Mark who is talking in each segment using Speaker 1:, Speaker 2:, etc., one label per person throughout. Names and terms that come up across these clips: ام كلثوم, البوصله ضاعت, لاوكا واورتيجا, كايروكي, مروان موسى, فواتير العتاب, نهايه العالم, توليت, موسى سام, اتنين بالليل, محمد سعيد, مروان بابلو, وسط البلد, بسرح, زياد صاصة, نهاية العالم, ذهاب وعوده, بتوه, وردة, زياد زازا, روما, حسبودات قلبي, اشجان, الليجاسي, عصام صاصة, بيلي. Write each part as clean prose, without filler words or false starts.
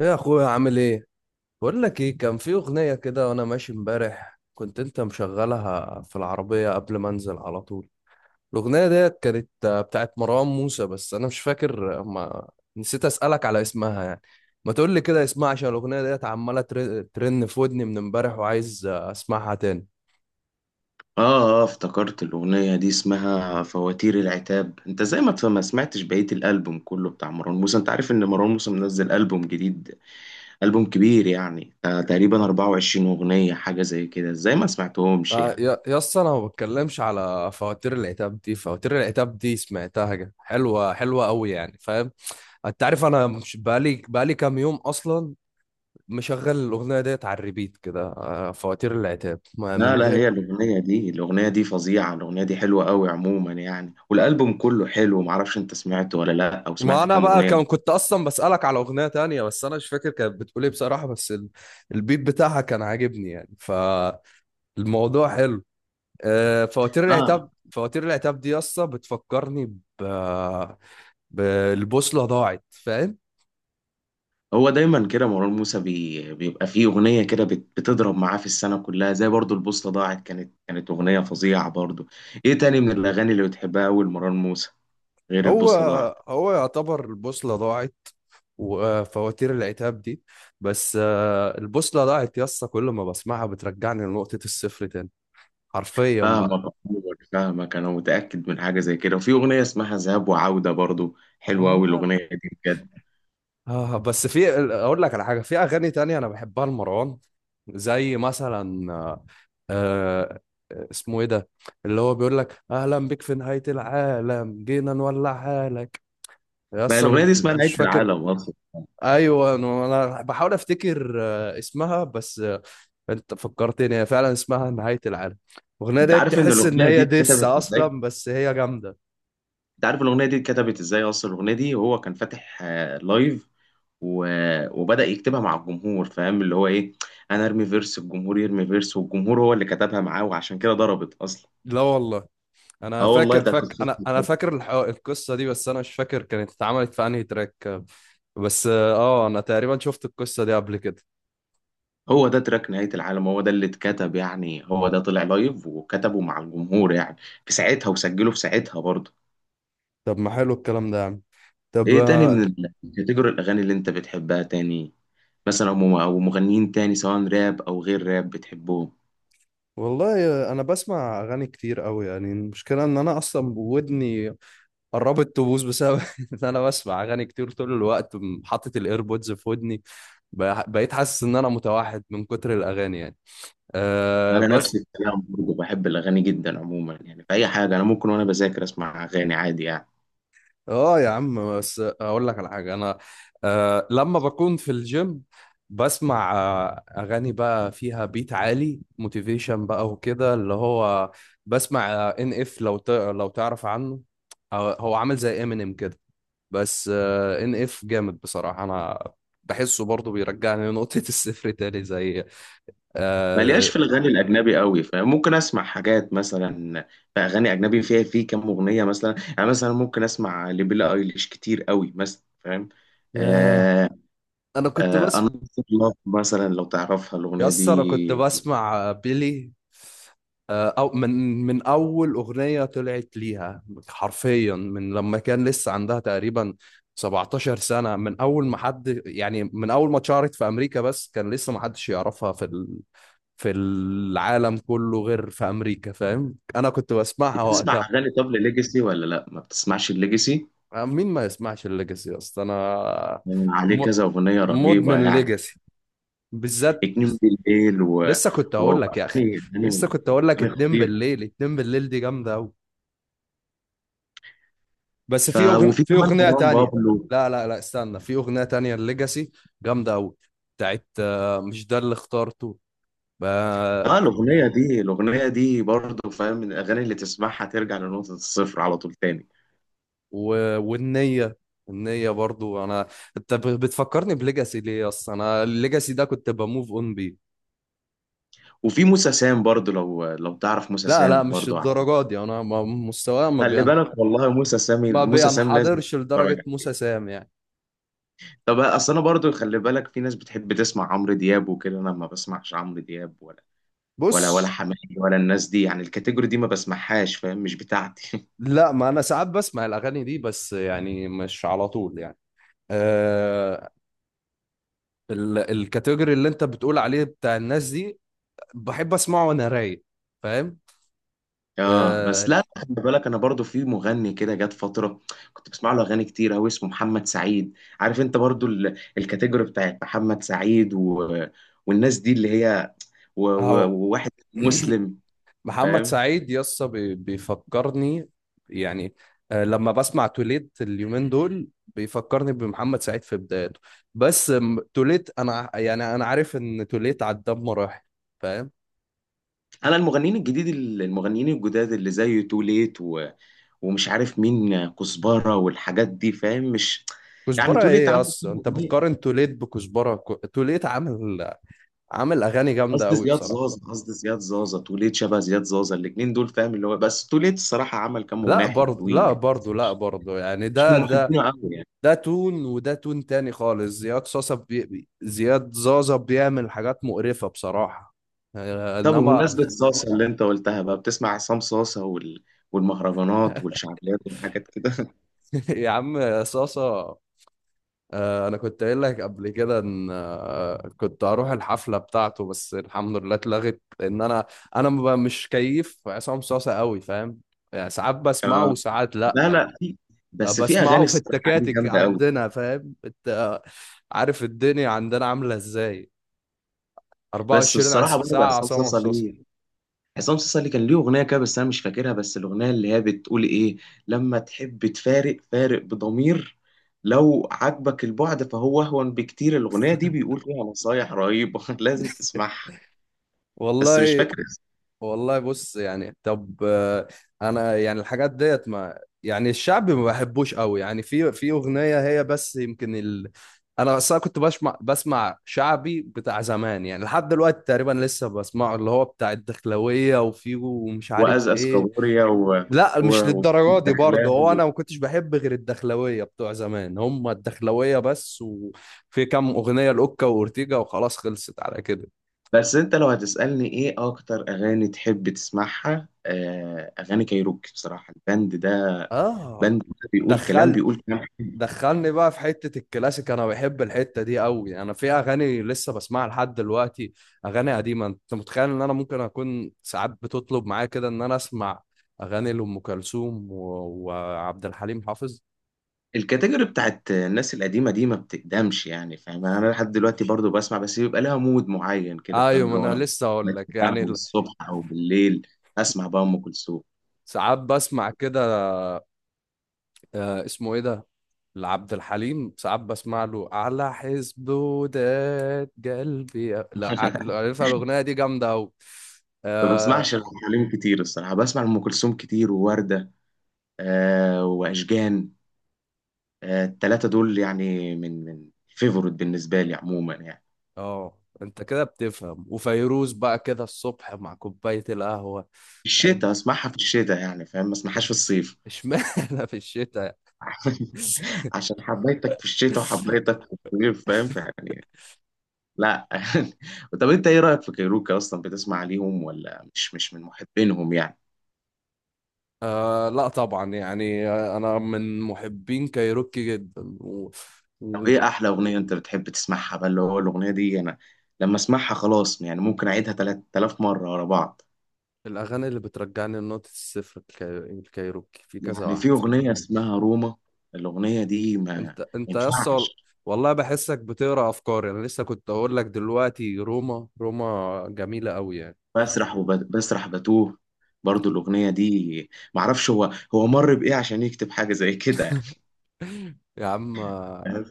Speaker 1: يا اخويا عامل ايه؟ بقول لك ايه، كان في اغنيه كده وانا ماشي امبارح، كنت انت مشغلها في العربيه قبل ما انزل على طول. الاغنيه ديت كانت بتاعت مروان موسى، بس انا مش فاكر. آه، ما نسيت اسالك على اسمها يعني. ما تقول لي كده اسمها، عشان الاغنيه ديت عماله ترن في ودني من امبارح، وعايز اسمعها تاني.
Speaker 2: اه افتكرت الأغنية دي اسمها فواتير العتاب. انت زي ما تفهم ما سمعتش بقية الألبوم كله بتاع مروان موسى. انت عارف ان مروان موسى منزل ألبوم جديد، ألبوم كبير يعني، تقريبا 24 أغنية حاجة زي كده. ازاي ما سمعتهمش
Speaker 1: آه،
Speaker 2: يعني؟
Speaker 1: يا يا اسطى، انا ما بتكلمش على فواتير العتاب، دي فواتير العتاب دي سمعتها كده حلوه حلوه قوي يعني، فاهم؟ انت عارف انا مش بقالي كام يوم اصلا مشغل الاغنيه ديت على الريبيت كده. فواتير العتاب من
Speaker 2: لا لا،
Speaker 1: غير
Speaker 2: هي الأغنية دي فظيعة، الأغنية دي حلوة قوي عموما يعني. والألبوم كله حلو، معرفش انت سمعته ولا لا، أو
Speaker 1: ما
Speaker 2: سمعت
Speaker 1: انا
Speaker 2: كام
Speaker 1: بقى
Speaker 2: أغنية.
Speaker 1: كنت اصلا بسالك على اغنيه تانية، بس انا مش فاكر كانت بتقول ايه بصراحه، بس البيت بتاعها كان عاجبني يعني، فالموضوع حلو. فواتير
Speaker 2: اه،
Speaker 1: العتاب، فواتير العتاب دي اصلا بتفكرني ب بالبوصله ضاعت، فاهم؟
Speaker 2: هو دايما كده مروان موسى، بيبقى فيه اغنيه كده بتضرب معاه في السنه كلها، زي برضو البوصله ضاعت، كانت اغنيه فظيعه برضو. ايه تاني من الاغاني اللي بتحبها اول مروان موسى غير
Speaker 1: هو
Speaker 2: البوصله ضاعت؟
Speaker 1: هو يعتبر البوصله ضاعت وفواتير العتاب دي. بس البوصله ضاعت يا اسطى، كل ما بسمعها بترجعني لنقطه الصفر تاني، حرفيا
Speaker 2: فاهمك
Speaker 1: بقى.
Speaker 2: عموماً، فاهمك انا متاكد من حاجه زي كده. وفي اغنيه اسمها ذهاب وعوده برضو، حلوه قوي
Speaker 1: اه.
Speaker 2: الاغنيه دي بجد.
Speaker 1: اه بس في، اقول لك على حاجه، في اغاني تانية انا بحبها لمروان، زي مثلا آه، اسمه ايه ده؟ اللي هو بيقول لك اهلا بك في نهايه العالم، جينا نولع حالك. يا
Speaker 2: ما
Speaker 1: اسطى
Speaker 2: الاغنيه دي اسمها
Speaker 1: مش
Speaker 2: نهايه
Speaker 1: فاكر.
Speaker 2: العالم اصلا.
Speaker 1: ايوه انا، بحاول افتكر اسمها بس. انت فكرتني، هي فعلا اسمها نهايه العالم. الاغنيه
Speaker 2: انت
Speaker 1: ديت
Speaker 2: عارف ان
Speaker 1: تحس ان
Speaker 2: الاغنيه دي
Speaker 1: هي ديس
Speaker 2: اتكتبت ازاي؟
Speaker 1: اصلا، بس هي جامده.
Speaker 2: انت عارف الاغنيه دي اتكتبت ازاي اصلا الاغنيه دي هو كان فاتح لايف و... وبدأ يكتبها مع الجمهور، فاهم اللي هو ايه؟ انا ارمي فيرس، الجمهور يرمي فيرس، والجمهور هو اللي كتبها معاه، وعشان كده ضربت اصلا.
Speaker 1: لا والله انا
Speaker 2: اه والله
Speaker 1: فاكر
Speaker 2: ده
Speaker 1: فاك
Speaker 2: قصته
Speaker 1: انا انا
Speaker 2: كده.
Speaker 1: فاكر القصه دي، بس انا مش فاكر كانت اتعملت في انهي تراك. بس اه انا تقريبا شفت القصه دي قبل كده.
Speaker 2: هو ده تراك نهاية العالم، هو ده اللي اتكتب يعني، هو ده طلع لايف وكتبه مع الجمهور يعني في ساعتها، وسجله في ساعتها برضه.
Speaker 1: طب ما حلو الكلام ده يا عم. طب
Speaker 2: ايه تاني من الكاتيجوري الاغاني اللي انت بتحبها تاني؟ مثلا او مغنيين تاني سواء راب او غير راب بتحبهم؟
Speaker 1: والله انا بسمع اغاني كتير قوي يعني، المشكله ان انا اصلا ودني قربت تبوظ بسبب ان انا بسمع اغاني كتير طول الوقت، حاطط الايربودز في ودني، بقيت حاسس ان انا متوحد من كتر الاغاني يعني. أه
Speaker 2: انا نفس
Speaker 1: بس.
Speaker 2: الكلام برضه، بحب الاغاني جدا عموما يعني في اي حاجه. انا ممكن وانا بذاكر اسمع اغاني عادي يعني.
Speaker 1: اه يا عم بس اقول لك على حاجه، انا لما بكون في الجيم بسمع اغاني بقى فيها بيت عالي، موتيفيشن بقى، وكده اللي هو بسمع ان اف، لو تعرف عنه، هو عامل زي امينيم كده، بس ان اف جامد بصراحه. انا بحسه برضه بيرجعني لنقطه الصفر تاني، زي
Speaker 2: ملياش
Speaker 1: آه
Speaker 2: في الغني الاجنبي قوي، فممكن اسمع حاجات مثلا. في اغاني اجنبي فيها، في كام اغنيه مثلا يعني. مثلا ممكن اسمع لبيلا ايليش كتير قوي مثلا، فاهم؟
Speaker 1: ياه.
Speaker 2: آه
Speaker 1: انا كنت بس،
Speaker 2: انا لاف مثلا لو تعرفها الاغنيه
Speaker 1: يس انا كنت
Speaker 2: دي.
Speaker 1: بسمع بيلي او من اول اغنيه طلعت ليها، حرفيا من لما كان لسه عندها تقريبا 17 سنه، من اول ما حد يعني، من اول ما اتشهرت في امريكا، بس كان لسه ما حدش يعرفها في في العالم كله غير في امريكا، فاهم؟ انا كنت بسمعها
Speaker 2: بتسمع
Speaker 1: وقتها.
Speaker 2: اغاني طب لليجاسي ولا لا؟ ما بتسمعش الليجاسي،
Speaker 1: مين ما يسمعش الليجاسي اصلا؟ انا
Speaker 2: عليه
Speaker 1: م...
Speaker 2: كذا اغنيه رهيبه
Speaker 1: مدمن
Speaker 2: يعني.
Speaker 1: ليجاسي بالذات.
Speaker 2: اتنين بالليل و
Speaker 1: لسه كنت هقول لك يا
Speaker 2: واغاني
Speaker 1: اخي،
Speaker 2: اغاني
Speaker 1: لسه كنت هقول لك
Speaker 2: اغاني
Speaker 1: اتنين
Speaker 2: خطيره.
Speaker 1: بالليل، اتنين بالليل دي جامده قوي. بس
Speaker 2: ف
Speaker 1: في اغنيه،
Speaker 2: وفي
Speaker 1: في
Speaker 2: كمان
Speaker 1: اغنيه
Speaker 2: مروان
Speaker 1: تانية،
Speaker 2: بابلو.
Speaker 1: لا لا لا استنى، في اغنيه تانية الليجاسي جامده قوي، بتاعت مش ده اللي اخترته.
Speaker 2: اه،
Speaker 1: آه،
Speaker 2: الاغنيه دي برضه فاهم، من الاغاني اللي تسمعها ترجع لنقطه الصفر على طول تاني.
Speaker 1: والنيه، النيه برضو انا، انت بتفكرني بليجاسي ليه؟ اصلا انا الليجاسي ده كنت بموف اون بيه.
Speaker 2: وفي موسى سام برضه، لو تعرف موسى
Speaker 1: لا لا
Speaker 2: سام
Speaker 1: مش
Speaker 2: برضه
Speaker 1: الدرجات دي، انا مستواي
Speaker 2: خلي بالك والله،
Speaker 1: ما
Speaker 2: موسى سام لازم
Speaker 1: بينحدرش
Speaker 2: تتفرج
Speaker 1: لدرجه
Speaker 2: عليه.
Speaker 1: موسى سام يعني.
Speaker 2: طب اصل انا برضه خلي بالك، في ناس بتحب تسمع عمرو دياب وكده، انا ما بسمعش عمرو دياب
Speaker 1: بص
Speaker 2: ولا حماقي ولا الناس دي يعني. الكاتيجوري دي ما بسمعهاش، فاهم؟ مش بتاعتي.
Speaker 1: لا، ما انا ساعات بسمع الاغاني دي، بس يعني مش على طول يعني. آه الكاتيجوري اللي انت بتقول عليه بتاع الناس دي، بحب اسمعه وانا رايق، فاهم؟
Speaker 2: اه بس
Speaker 1: آه.
Speaker 2: لا خلي بالك، انا برضو في مغني كده جت فتره كنت بسمع له اغاني كتير قوي، اسمه محمد سعيد. عارف انت برضو الكاتيجوري بتاعت محمد سعيد والناس دي اللي هي
Speaker 1: اهو.
Speaker 2: وواحد مسلم،
Speaker 1: محمد
Speaker 2: فاهم؟
Speaker 1: سعيد يسطا بيفكرني يعني، لما بسمع توليت اليومين دول بيفكرني بمحمد سعيد في بدايته. بس توليت انا يعني، انا عارف ان توليت عدى بمراحل، فاهم؟
Speaker 2: انا المغنيين الجداد اللي زي توليت ومش عارف مين، كزبره والحاجات دي فاهم، مش يعني
Speaker 1: كزبرة
Speaker 2: توليت
Speaker 1: ايه
Speaker 2: عمل
Speaker 1: اصلا،
Speaker 2: كام
Speaker 1: انت
Speaker 2: أغنية.
Speaker 1: بتقارن توليت بكزبرة؟ توليت عامل، عامل اغاني جامدة
Speaker 2: قصدي
Speaker 1: قوي
Speaker 2: زياد
Speaker 1: بصراحة.
Speaker 2: زازا، توليت شبه زياد زازا، الاتنين دول فاهم، اللي هو بس توليت الصراحه عمل كام
Speaker 1: لا
Speaker 2: اغنيه
Speaker 1: برضه
Speaker 2: حلوين
Speaker 1: لا
Speaker 2: يعني،
Speaker 1: برضه لا برضه يعني،
Speaker 2: مش من
Speaker 1: ده
Speaker 2: محبينه قوي يعني.
Speaker 1: ده تون، وده تون تاني خالص. زياد صاصة زياد زازا بيعمل حاجات مقرفة بصراحة،
Speaker 2: طب
Speaker 1: انما
Speaker 2: بمناسبة صاصة اللي انت قلتها بقى، بتسمع عصام صاصة والمهرجانات والشعبيات والحاجات كده
Speaker 1: يا عم صاصة، انا كنت قايل لك قبل كده ان كنت هروح الحفلة بتاعته، بس الحمد لله اتلغت، لان انا انا ما ب- مش كيف عصام صاصة قوي، فاهم؟ يعني ساعات بسمعه
Speaker 2: آه.
Speaker 1: وساعات لا.
Speaker 2: لا لا، بس في
Speaker 1: بسمعه
Speaker 2: اغاني
Speaker 1: في
Speaker 2: الصراحة ليه
Speaker 1: التكاتك
Speaker 2: جامدة قوي.
Speaker 1: عندنا، فاهم؟ انت عارف الدنيا عندنا عامله ازاي،
Speaker 2: بس
Speaker 1: 24
Speaker 2: بصراحة برضه
Speaker 1: ساعه
Speaker 2: عصام
Speaker 1: عصام
Speaker 2: صاصة
Speaker 1: مصاصه.
Speaker 2: ليه، كان ليه اغنية كده بس انا مش فاكرها، بس الاغنية اللي هي بتقول ايه: لما تحب تفارق فارق بضمير، لو عجبك البعد فهو اهون بكتير. الاغنية دي بيقول فيها نصايح رهيبة لازم تسمعها. بس مش
Speaker 1: والله
Speaker 2: فاكر.
Speaker 1: والله بص يعني، طب انا يعني الحاجات ديت، ما يعني الشعب ما بحبوش قوي يعني، في في اغنيه هي بس يمكن انا اصلا كنت بسمع شعبي بتاع زمان، يعني لحد دلوقتي تقريبا لسه بسمعه، اللي هو بتاع الدخلويه وفيه ومش عارف
Speaker 2: وازقز
Speaker 1: ايه.
Speaker 2: كابوريا
Speaker 1: لا مش للدرجه دي برضه، هو
Speaker 2: ودخلاوي.
Speaker 1: انا ما كنتش بحب غير الدخلويه بتوع زمان، هم الدخلويه بس، وفي كام اغنيه لاوكا واورتيجا وخلاص خلصت على كده.
Speaker 2: بس انت لو هتسألني ايه اكتر اغاني تحب تسمعها، اغاني كايروكي بصراحة. البند ده،
Speaker 1: اه
Speaker 2: بند ده بيقول كلام،
Speaker 1: دخل
Speaker 2: بيقول كلام حلو.
Speaker 1: دخلني بقى في حته الكلاسيك، انا بحب الحته دي قوي، انا في اغاني لسه بسمعها لحد دلوقتي، اغاني قديمه. انت متخيل ان انا ممكن اكون ساعات بتطلب معايا كده ان انا اسمع اغاني لام كلثوم وعبد الحليم حافظ؟
Speaker 2: الكاتيجوري بتاعت الناس القديمة دي ما بتقدمش يعني فاهم، يعني انا لحد دلوقتي برضو بسمع، بس بيبقى لها مود معين كده فاهم،
Speaker 1: ايوه ما
Speaker 2: اللي هو
Speaker 1: انا
Speaker 2: انا
Speaker 1: لسه اقول لك يعني،
Speaker 2: قهوة الصبح او بالليل اسمع بقى ام كلثوم
Speaker 1: ساعات بسمع كده. اسمه ايه ده، لعبد الحليم ساعات بسمع له على حسبودات قلبي، لا ع- لو عارفها الاغنيه دي جامده قوي.
Speaker 2: ما
Speaker 1: اه.
Speaker 2: بسمعش ام كلثوم كتير الصراحه، بسمع ام كلثوم كتير وورده واشجان، التلاتة دول يعني من فيفورت بالنسبة لي عموما يعني.
Speaker 1: اه انت كده بتفهم، وفيروز بقى كده الصبح مع كوبايه القهوه،
Speaker 2: في
Speaker 1: فاهم؟
Speaker 2: الشتاء اسمعها، في الشتاء يعني فاهم، ما اسمعهاش في الصيف
Speaker 1: اشمعنى في الشتاء؟
Speaker 2: عشان حبيتك في الشتاء وحبيتك في الصيف، فاهم فيعني؟ لا طب انت ايه رأيك في كايروكا اصلا، بتسمع ليهم ولا مش من محبينهم يعني؟
Speaker 1: لا طبعا يعني، انا من محبين كايروكي جدا
Speaker 2: طب ايه احلى اغنية انت بتحب تسمعها بقى، اللي هو الاغنية دي انا لما اسمعها خلاص يعني ممكن اعيدها 3000 مرة ورا بعض.
Speaker 1: والاغاني اللي بترجعني لنقطه الصفر، الكايروكي في كذا
Speaker 2: يعني في
Speaker 1: واحده.
Speaker 2: اغنية اسمها روما، الاغنية دي ما
Speaker 1: انت انت يا اسطى،
Speaker 2: ينفعش.
Speaker 1: والله بحسك بتقرا افكاري، انا لسه كنت اقول لك دلوقتي، روما روما جميله قوي يعني.
Speaker 2: بسرح وبسرح بتوه، برضو الأغنية دي معرفش، هو مر بإيه عشان يكتب حاجة زي كده يعني،
Speaker 1: يا عم
Speaker 2: فاهم؟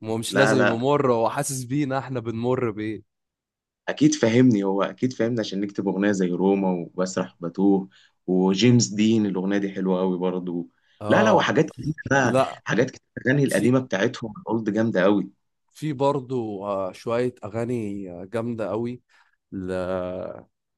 Speaker 1: مش
Speaker 2: لا
Speaker 1: لازم يبقى
Speaker 2: لا،
Speaker 1: مر، هو حاسس بينا احنا بنمر بايه.
Speaker 2: أكيد فاهمني هو أكيد فاهمني عشان يكتب أغنية زي روما وبسرح وبتوه وجيمس دين. الأغنية دي حلوة أوي برضو. لا لا
Speaker 1: اه
Speaker 2: وحاجات كتير بقى،
Speaker 1: لا،
Speaker 2: حاجات كتير، الأغاني
Speaker 1: في
Speaker 2: القديمة بتاعتهم الأولد جامدة أوي.
Speaker 1: في برضو شوية أغاني جامدة قوي. ل...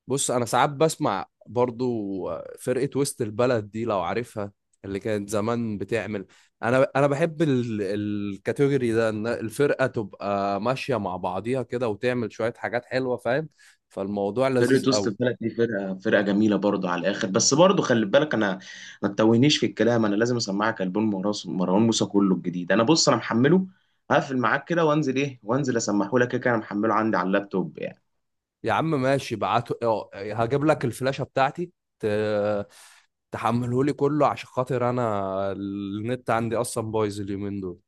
Speaker 1: بص أنا ساعات بسمع برضو فرقة وسط البلد دي لو عارفها، اللي كانت زمان بتعمل. أنا بحب الكاتيجوري ده، إن الفرقة تبقى ماشية مع بعضيها كده وتعمل شوية حاجات حلوة، فاهم؟ فالموضوع لذيذ
Speaker 2: فرقة وسط
Speaker 1: قوي.
Speaker 2: البلد دي فرقة جميلة برضه على الآخر. بس برضه خلي بالك أنا، ما تتوهنيش في الكلام، أنا لازم أسمعك ألبوم مروان موسى كله الجديد. أنا بص أنا محمله، هقفل معاك كده وأنزل إيه، وأنزل أسمحه لك كده. كده أنا محمله عندي على اللابتوب يعني.
Speaker 1: يا عم ماشي بعته، هجيب لك الفلاشة بتاعتي، ت... تحمله لي كله عشان خاطر أنا النت عندي أصلا بايظ اليومين دول.